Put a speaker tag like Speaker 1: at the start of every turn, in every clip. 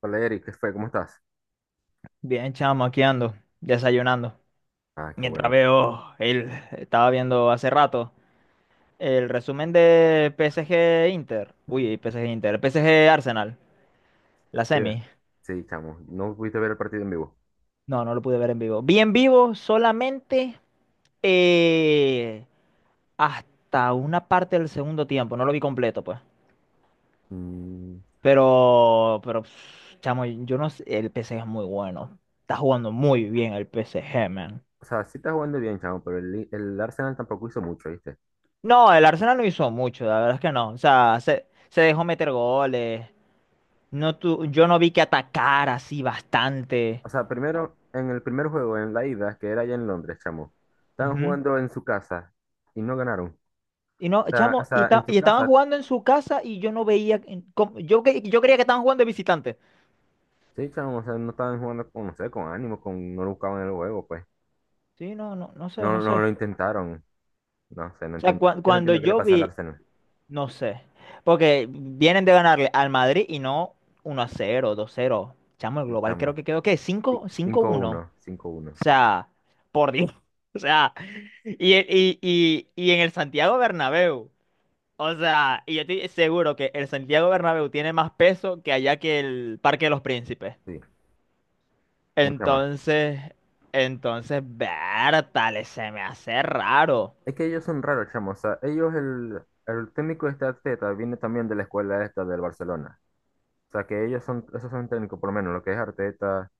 Speaker 1: Hola Eric, ¿qué fue? ¿Cómo estás?
Speaker 2: Bien, chamo, aquí ando, desayunando.
Speaker 1: Ah, qué
Speaker 2: Mientras
Speaker 1: bueno.
Speaker 2: veo, estaba viendo hace rato el resumen de PSG Inter. Uy, PSG Inter, PSG Arsenal, la
Speaker 1: Eh,
Speaker 2: semi.
Speaker 1: Sí, chamo, no pudiste ver el partido en vivo.
Speaker 2: No, no lo pude ver en vivo. Vi en vivo solamente eh, hasta una parte del segundo tiempo, no lo vi completo, pues.
Speaker 1: Mm,
Speaker 2: Pero, chamo, yo no sé, el PSG es muy bueno. Está jugando muy bien el PSG, man.
Speaker 1: o sea, sí está jugando bien, chamo, pero el Arsenal tampoco hizo mucho, ¿viste?
Speaker 2: No, el Arsenal no hizo mucho, la verdad es que no. O sea, se dejó meter goles. Yo no vi que atacara así bastante.
Speaker 1: O sea, primero, en el primer juego, en la ida, que era allá en Londres, chamo, estaban
Speaker 2: Ujú.
Speaker 1: jugando en su casa y no ganaron. O
Speaker 2: Y no,
Speaker 1: sea, o
Speaker 2: chamo,
Speaker 1: sea, en su
Speaker 2: y estaban
Speaker 1: casa,
Speaker 2: jugando en su casa y yo no veía. Yo creía que estaban jugando de visitante.
Speaker 1: sí, chamo, o sea, no estaban jugando con, no sé, con ánimo, con, no lo buscaban el juego, pues.
Speaker 2: Sí, no, no, no sé,
Speaker 1: No,
Speaker 2: no
Speaker 1: no
Speaker 2: sé.
Speaker 1: lo intentaron. No sé, no
Speaker 2: O sea,
Speaker 1: entiendo. Yo no
Speaker 2: cuando
Speaker 1: entiendo qué le
Speaker 2: yo
Speaker 1: pasa al
Speaker 2: vi,
Speaker 1: Arsenal.
Speaker 2: no sé. Porque vienen de ganarle al Madrid y no uno a cero, dos cero, chamo, el
Speaker 1: Sí,
Speaker 2: global creo
Speaker 1: chamo,
Speaker 2: que quedó, ¿qué?
Speaker 1: sí,
Speaker 2: Cinco,
Speaker 1: Cinco
Speaker 2: 5-1.
Speaker 1: uno, cinco
Speaker 2: O
Speaker 1: uno,
Speaker 2: sea, por Dios. O sea, y en el Santiago Bernabéu. O sea, y yo estoy seguro que el Santiago Bernabéu tiene más peso que allá que el Parque de los Príncipes.
Speaker 1: sí, mucha más.
Speaker 2: Entonces, entonces, Bertales, se me hace raro.
Speaker 1: Es que ellos son raros, chamo. O sea, ellos, el técnico de este Arteta viene también de la escuela esta del Barcelona. O sea, que esos son técnicos, por lo menos lo que es Arteta,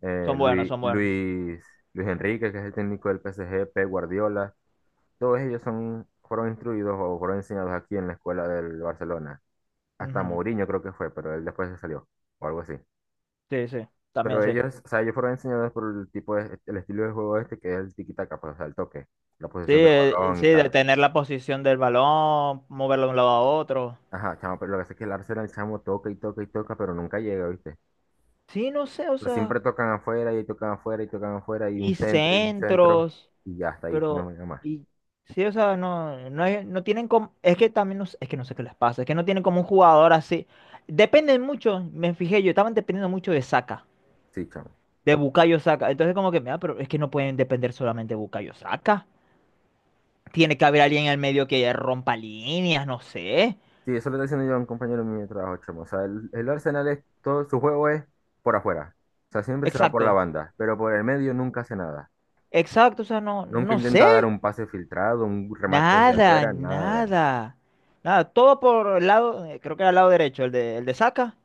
Speaker 1: eh,
Speaker 2: Son buenos,
Speaker 1: Luis,
Speaker 2: son buenos.
Speaker 1: Luis, Luis Enrique, que es el técnico del PSG, Pep Guardiola. Todos ellos fueron instruidos o fueron enseñados aquí en la escuela del Barcelona. Hasta
Speaker 2: Ujú.
Speaker 1: Mourinho creo que fue, pero él después se salió, o algo así.
Speaker 2: Sí, sí, también
Speaker 1: Pero
Speaker 2: sí.
Speaker 1: ellos, o sea, ellos fueron enseñados por el estilo de juego este, que es el tiki-taka, pues, o sea, el toque, la
Speaker 2: Sí,
Speaker 1: posesión del balón y
Speaker 2: sí, de
Speaker 1: tal.
Speaker 2: tener la posición del balón, moverlo de un lado a otro.
Speaker 1: Ajá, chamo, pero lo que pasa es que el Arsenal, chamo, toca y toca y toca, pero nunca llega, ¿viste?
Speaker 2: Sí, no sé, o
Speaker 1: Pero
Speaker 2: sea,
Speaker 1: siempre tocan afuera y tocan afuera y tocan afuera y un
Speaker 2: y
Speaker 1: centro y un centro
Speaker 2: centros.
Speaker 1: y ya hasta ahí, no
Speaker 2: Pero,
Speaker 1: llega más.
Speaker 2: y sí, o sea, no, no, no tienen como, es que también no, es que no sé qué les pasa, es que no tienen como un jugador así. Dependen mucho, me fijé, yo estaban dependiendo mucho de Saka,
Speaker 1: Sí, chamo.
Speaker 2: de Bukayo Saka. Entonces como que, mira, pero es que no pueden depender solamente de Bukayo Saka. Tiene que haber alguien en el medio que rompa líneas, no sé.
Speaker 1: Sí, eso lo está diciendo yo a un compañero mío de trabajo, chamo. O sea, el Arsenal es, todo su juego es por afuera. O sea, siempre se va por la
Speaker 2: Exacto,
Speaker 1: banda, pero por el medio nunca hace nada.
Speaker 2: exacto, o sea, no,
Speaker 1: Nunca
Speaker 2: no sé.
Speaker 1: intenta dar un pase filtrado, un remate desde
Speaker 2: Nada,
Speaker 1: afuera, nada.
Speaker 2: nada. Nada, todo por el lado, creo que era el lado derecho, el de Saka,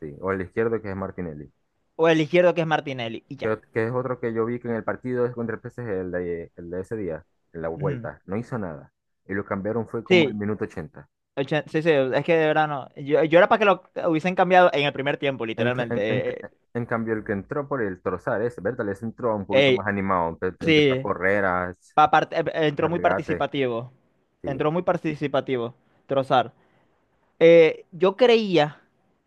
Speaker 1: Sí, o el izquierdo que es Martinelli.
Speaker 2: o el izquierdo que es Martinelli, y ya.
Speaker 1: Que es otro que yo vi que en el partido es contra el PSG, el, de, el de ese día, en la
Speaker 2: Ujú.
Speaker 1: vuelta, no hizo nada. Y lo cambiaron fue como al
Speaker 2: Sí,
Speaker 1: minuto 80.
Speaker 2: Sí, sí, es que de verdad no. Yo era para que lo hubiesen cambiado en el primer tiempo,
Speaker 1: En, ca- en, en
Speaker 2: literalmente.
Speaker 1: ca- en cambio, el que entró por el Trozar, ese, Bertal, ese entró un poquito más
Speaker 2: Ey,
Speaker 1: animado, empezó a
Speaker 2: sí,
Speaker 1: correr, a, a
Speaker 2: entró muy
Speaker 1: regate.
Speaker 2: participativo.
Speaker 1: Sí,
Speaker 2: Entró muy participativo, Trozar. Yo creía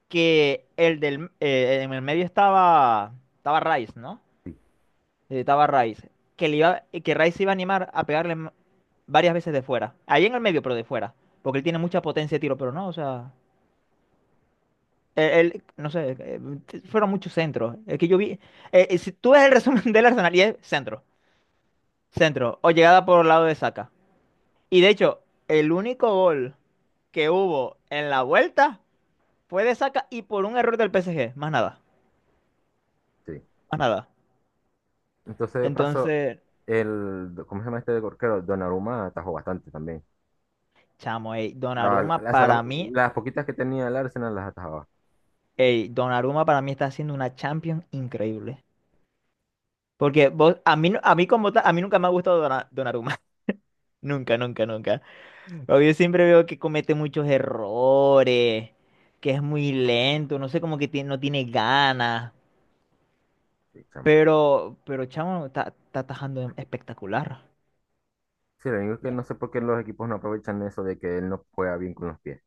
Speaker 2: que en el medio estaba Rice, ¿no?
Speaker 1: sí,
Speaker 2: Estaba Rice. Que Rice se iba a animar a pegarle varias veces de fuera. Ahí en el medio, pero de fuera. Porque él tiene mucha potencia de tiro, pero no, o sea. Él, no sé, fueron muchos centros. Es que yo vi, si tú ves el resumen del Arsenal y es centro, centro, o llegada por el lado de Saka. Y de hecho, el único gol que hubo en la vuelta fue de Saka y por un error del PSG, más nada,
Speaker 1: sí.
Speaker 2: más nada.
Speaker 1: Entonces, de paso,
Speaker 2: Entonces,
Speaker 1: ¿cómo se llama este de corquero? Donnarumma atajó bastante también.
Speaker 2: chamo, ey,
Speaker 1: O sea, las las poquitas que tenía el Arsenal las atajaba.
Speaker 2: Donnarumma para mí está haciendo una Champions increíble. Porque vos, a mí, a mí como tal, a mí nunca me ha gustado Donnarumma. Nunca, nunca, nunca. Pero yo siempre veo que comete muchos errores, que es muy lento, no sé, como que no tiene ganas.
Speaker 1: Sí, chamo.
Speaker 2: Pero chamo está atajando espectacular.
Speaker 1: Sí, lo único es que no sé por qué los equipos no aprovechan eso de que él no juega bien con los pies.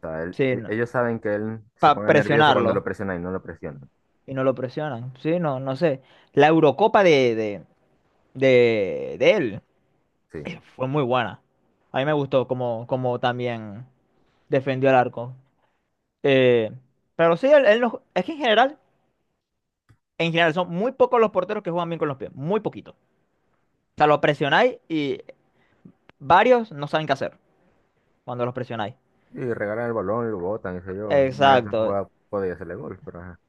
Speaker 1: sea, él-
Speaker 2: Sí,
Speaker 1: e-
Speaker 2: no,
Speaker 1: ellos saben que él se
Speaker 2: para
Speaker 1: pone nervioso cuando lo
Speaker 2: presionarlo.
Speaker 1: presionan y no lo presionan.
Speaker 2: Y no lo presionan. Sí, no, no sé. La Eurocopa de él
Speaker 1: Sí.
Speaker 2: fue muy buena. A mí me gustó como también defendió el arco. Eh, pero sí, él no- es que en general son muy pocos los porteros que juegan bien con los pies. Muy poquitos. O sea, lo presionáis y varios no saben qué hacer cuando los presionáis.
Speaker 1: Y regalan el balón y lo botan, qué sé yo. Una de esas
Speaker 2: Exacto,
Speaker 1: jugadas podía hacerle gol, pero ajá.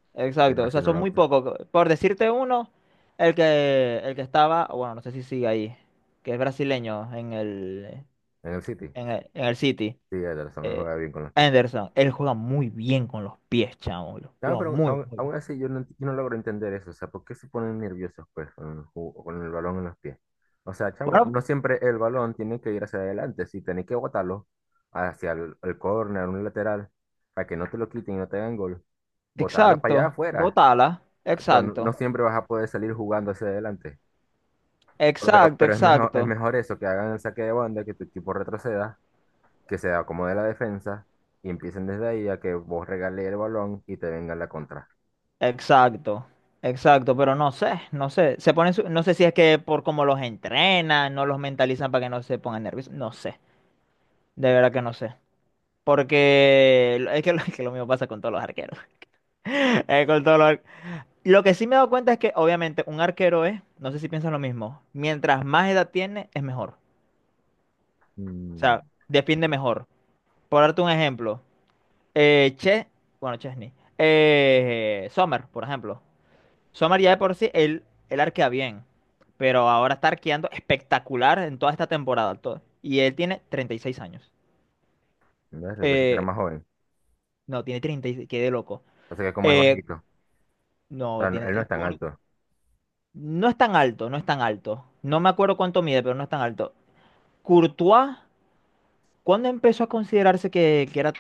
Speaker 1: Y aún
Speaker 2: exacto. O
Speaker 1: así
Speaker 2: sea,
Speaker 1: no
Speaker 2: son
Speaker 1: lo
Speaker 2: muy
Speaker 1: pues.
Speaker 2: pocos. Por decirte uno, el que estaba, bueno, no sé si sigue ahí, que es brasileño en el,
Speaker 1: En el City.
Speaker 2: en el, en el City,
Speaker 1: Sí, Ederson, él
Speaker 2: eh,
Speaker 1: juega bien con los pies.
Speaker 2: Anderson. Él juega muy bien con los pies, chamo. Lo
Speaker 1: No,
Speaker 2: Juega
Speaker 1: pero
Speaker 2: muy,
Speaker 1: aún,
Speaker 2: muy bien.
Speaker 1: aún así yo no logro entender eso. O sea, ¿por qué se ponen nerviosos pues con con el balón en los pies? O sea, chamo,
Speaker 2: Bueno,
Speaker 1: no siempre el balón tiene que ir hacia adelante. Si tenés que botarlo hacia el córner, un lateral, para que no te lo quiten y no te hagan gol, botarla para allá
Speaker 2: exacto.
Speaker 1: afuera.
Speaker 2: Botala.
Speaker 1: Exacto. No,
Speaker 2: Exacto.
Speaker 1: no siempre vas a poder salir jugando hacia adelante. Pero, pero
Speaker 2: Exacto,
Speaker 1: pero es
Speaker 2: exacto.
Speaker 1: mejor eso, que hagan el saque de banda, que tu equipo retroceda, que se acomode la defensa y empiecen desde ahí a que vos regales el balón y te venga la contra.
Speaker 2: Exacto, exacto, pero no sé, no sé, se ponen, no sé si es que por cómo los entrenan, no los mentalizan para que no se pongan nerviosos, no sé, de verdad que no sé, porque es que, lo es que lo mismo pasa con todos los arqueros, con todos los ar-. Lo que sí me he dado cuenta es que obviamente un arquero es, no sé si piensas lo mismo, mientras más edad tiene es mejor, o
Speaker 1: Mm,
Speaker 2: sea, defiende mejor. Por darte un ejemplo, eh, Che, bueno, Chesney, Sommer, por ejemplo. Somar ya de por sí, él arquea bien, pero ahora está arqueando espectacular en toda esta temporada. Todo. Y él tiene 36 años.
Speaker 1: ¿Ves? Yo pensé que era
Speaker 2: Eh,
Speaker 1: más joven.
Speaker 2: no, tiene 36, quedé loco.
Speaker 1: O sea que como es
Speaker 2: Eh,
Speaker 1: bajito. O
Speaker 2: no,
Speaker 1: sea,
Speaker 2: tiene,
Speaker 1: él no es tan alto.
Speaker 2: No es tan alto, no es tan alto. No me acuerdo cuánto mide, pero no es tan alto. Courtois, ¿cuándo empezó a considerarse que, era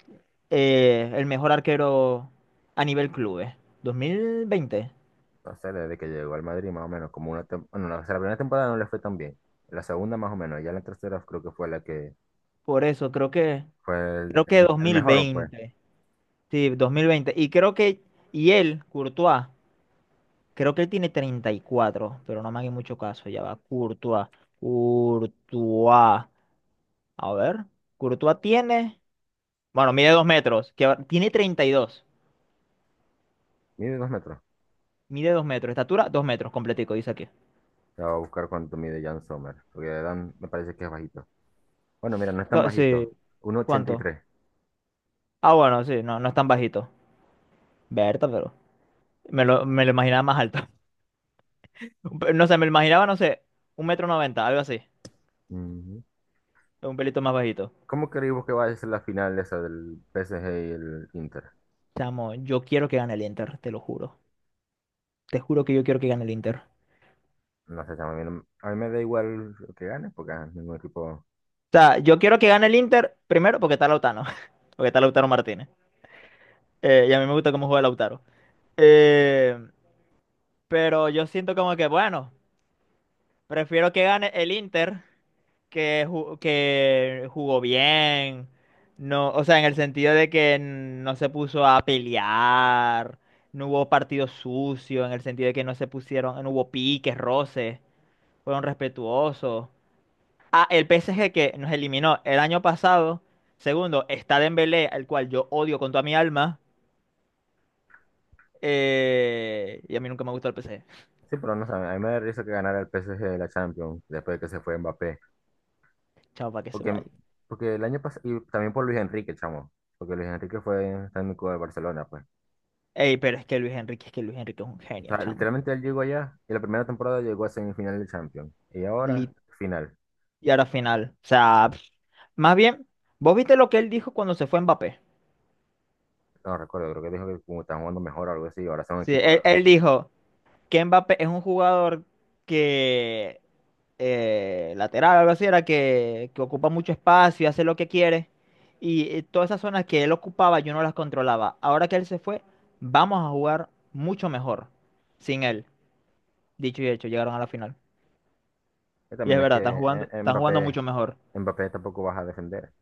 Speaker 2: el mejor arquero a nivel clubes? ¿2020?
Speaker 1: O sea, desde que llegó al Madrid más o menos, como una bueno, o sea, la primera temporada no le fue tan bien. La segunda más o menos. Ya la tercera creo que fue la que
Speaker 2: Por eso, creo que,
Speaker 1: fue el,
Speaker 2: creo que
Speaker 1: el- el mejor, pues.
Speaker 2: 2020. Sí, 2020. Y creo que, y él, Courtois, creo que él tiene 34, pero no me hagan mucho caso, ya va. Courtois, Courtois. A ver, Courtois tiene, bueno, mide 2 metros, tiene 32.
Speaker 1: Mide 2 metros.
Speaker 2: Mide 2 metros, estatura 2 metros, completico, dice aquí.
Speaker 1: La voy a buscar cuánto mide Jan Sommer. Porque Dan me parece que es bajito. Bueno, mira, no es tan
Speaker 2: Sí,
Speaker 1: bajito.
Speaker 2: ¿cuánto?
Speaker 1: 1,83.
Speaker 2: Ah, bueno, sí, no, no es tan bajito. Berta, pero me lo imaginaba más alto. No sé, me lo imaginaba, no sé, un metro noventa, algo así,
Speaker 1: Ujú.
Speaker 2: un pelito más bajito.
Speaker 1: ¿Cómo creemos que va a ser la final esa del PSG y el Inter?
Speaker 2: Chamo, yo quiero que gane el Inter, te lo juro. Te juro que yo quiero que gane el Inter. O
Speaker 1: No sé, chamo, a mí, no- a mí me da igual que gane, porque ah, ningún equipo.
Speaker 2: sea, yo quiero que gane el Inter primero porque está Lautaro. Porque está Lautaro Martínez. Y a mí me gusta cómo juega Lautaro. Eh, pero yo siento como que, bueno, prefiero que gane el Inter que jugó bien. No, o sea, en el sentido de que no se puso a pelear. No hubo partido sucio. En el sentido de que no se pusieron, no hubo piques, roces. Fueron respetuosos. Ah, el PSG que nos eliminó el año pasado. Segundo, está Dembélé, al cual yo odio con toda mi alma. Y a mí nunca me gustó el PSG.
Speaker 1: Sí, pero no sé, a mí me da risa que ganara el PSG de la Champions después de que se fue Mbappé.
Speaker 2: Chao, para que sepa
Speaker 1: Porque,
Speaker 2: ahí.
Speaker 1: porque el año pasado, y también por Luis Enrique, chamo. Porque Luis Enrique fue técnico de Barcelona, pues.
Speaker 2: Ey, pero es que Luis Enrique, es que Luis Enrique es un
Speaker 1: O
Speaker 2: genio,
Speaker 1: sea,
Speaker 2: chamo.
Speaker 1: literalmente él llegó allá y la primera temporada llegó a semifinal de Champions. Y ahora,
Speaker 2: Lit-
Speaker 1: final.
Speaker 2: Y ahora final. O sea, pff, más bien, ¿vos viste lo que él dijo cuando se fue Mbappé?
Speaker 1: No recuerdo, creo que dijo que como estaban jugando mejor o algo así, ahora son
Speaker 2: Sí,
Speaker 1: equipos,
Speaker 2: él,
Speaker 1: ¿verdad?
Speaker 2: él dijo. Que Mbappé es un jugador que lateral, algo así, era que ocupa mucho espacio y hace lo que quiere. Y todas esas zonas que él ocupaba yo no las controlaba. Ahora que él se fue, vamos a jugar mucho mejor sin él. Dicho y hecho, llegaron a la final.
Speaker 1: Que
Speaker 2: Y
Speaker 1: también
Speaker 2: es
Speaker 1: es
Speaker 2: verdad,
Speaker 1: que
Speaker 2: están jugando,
Speaker 1: eh,
Speaker 2: están jugando
Speaker 1: Mbappé,
Speaker 2: mucho mejor.
Speaker 1: Mbappé tampoco baja a defender.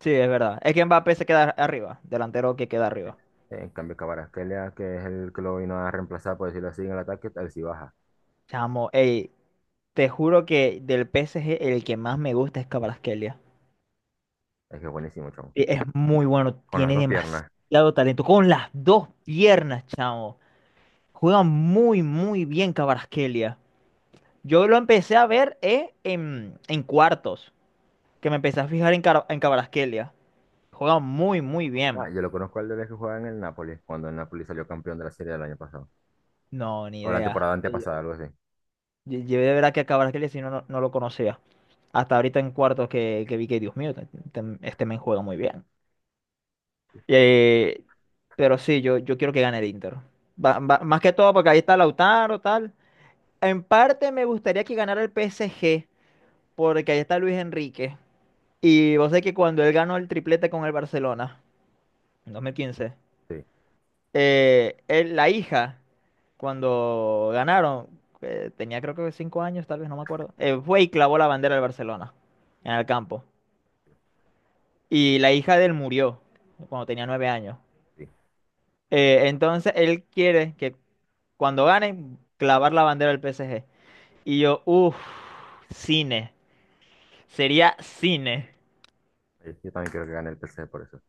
Speaker 2: Sí, es verdad. Es que Mbappé se queda arriba, delantero que queda arriba.
Speaker 1: En cambio, Kvaratskhelia, que es el que lo vino a reemplazar, por decirlo así, en el ataque, él sí baja.
Speaker 2: Chamo, ey, te juro que del PSG el que más me gusta es Kvaratskhelia.
Speaker 1: Es que es buenísimo, chon.
Speaker 2: Es muy bueno,
Speaker 1: Con las
Speaker 2: tiene
Speaker 1: dos piernas.
Speaker 2: demasiado talento. Con las dos piernas, chamo. Juega muy, muy bien Cabarasquelia. Yo lo empecé a ver en cuartos, que me empecé a fijar en Kvaratskhelia. Juega muy, muy bien.
Speaker 1: Ah, yo lo conozco al de que jugaba en el Napoli, cuando el Napoli salió campeón de la serie del año pasado.
Speaker 2: No, ni
Speaker 1: O la
Speaker 2: idea.
Speaker 1: temporada antepasada, algo así.
Speaker 2: Yo de verdad que a Cabarasquelia si no, no, no lo conocía. Hasta ahorita en cuartos que vi que, Dios mío, este men juega muy bien.
Speaker 1: Sí,
Speaker 2: Eh, pero sí, yo quiero que gane el Inter. Más que todo porque ahí está Lautaro, tal. En parte me gustaría que ganara el PSG, porque ahí está Luis Enrique. Y vos sabés que cuando él ganó el triplete con el Barcelona, en 2015,
Speaker 1: sí.
Speaker 2: la hija, cuando ganaron, tenía creo que 5 años, tal vez, no me acuerdo, fue y clavó la bandera del Barcelona en el campo. Y la hija de él murió cuando tenía 9 años. Entonces él quiere que cuando ganen, clavar la bandera del PSG. Y yo, uff, cine. Sería cine.
Speaker 1: Sí. Yo también creo que gane el PSG por eso.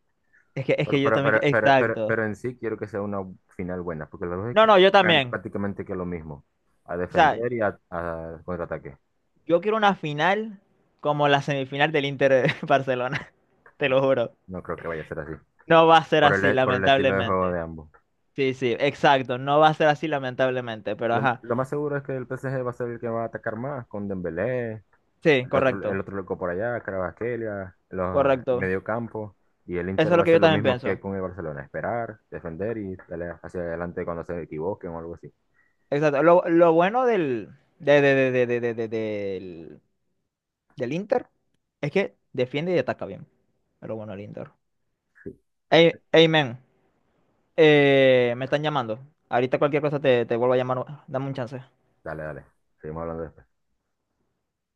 Speaker 2: Es que, es
Speaker 1: Pero,
Speaker 2: que yo
Speaker 1: pero,
Speaker 2: también,
Speaker 1: pero, pero, pero,
Speaker 2: exacto.
Speaker 1: pero en sí quiero que sea una final buena, porque los dos
Speaker 2: No,
Speaker 1: equipos
Speaker 2: no, yo
Speaker 1: juegan
Speaker 2: también.
Speaker 1: prácticamente que lo mismo, a
Speaker 2: O sea,
Speaker 1: defender y a contraataque.
Speaker 2: yo quiero una final como la semifinal del Inter Barcelona, te
Speaker 1: No,
Speaker 2: lo juro.
Speaker 1: no creo que vaya a ser así,
Speaker 2: No va a ser
Speaker 1: por
Speaker 2: así,
Speaker 1: el estilo de juego
Speaker 2: lamentablemente.
Speaker 1: de ambos.
Speaker 2: Sí, sí, exacto. No va a ser así, lamentablemente, pero
Speaker 1: Lo,
Speaker 2: ajá.
Speaker 1: lo más seguro es que el PSG va a ser el que va a atacar más, con Dembélé,
Speaker 2: Sí,
Speaker 1: el otro, el
Speaker 2: correcto,
Speaker 1: otro loco por allá, Kvaratskhelia, los el
Speaker 2: correcto.
Speaker 1: medio campo, y el
Speaker 2: Eso
Speaker 1: Inter
Speaker 2: es
Speaker 1: va a
Speaker 2: lo que
Speaker 1: hacer
Speaker 2: yo
Speaker 1: lo
Speaker 2: también
Speaker 1: mismo que
Speaker 2: pienso.
Speaker 1: con el Barcelona, esperar, defender y darle hacia adelante cuando se equivoquen o algo así.
Speaker 2: Exacto. Lo bueno del, de- del Inter es que defiende y ataca bien. Es lo bueno del Inter. Amen. Me están llamando. Ahorita cualquier cosa te vuelvo a llamar. Dame un chance.
Speaker 1: Dale, dale, seguimos hablando después.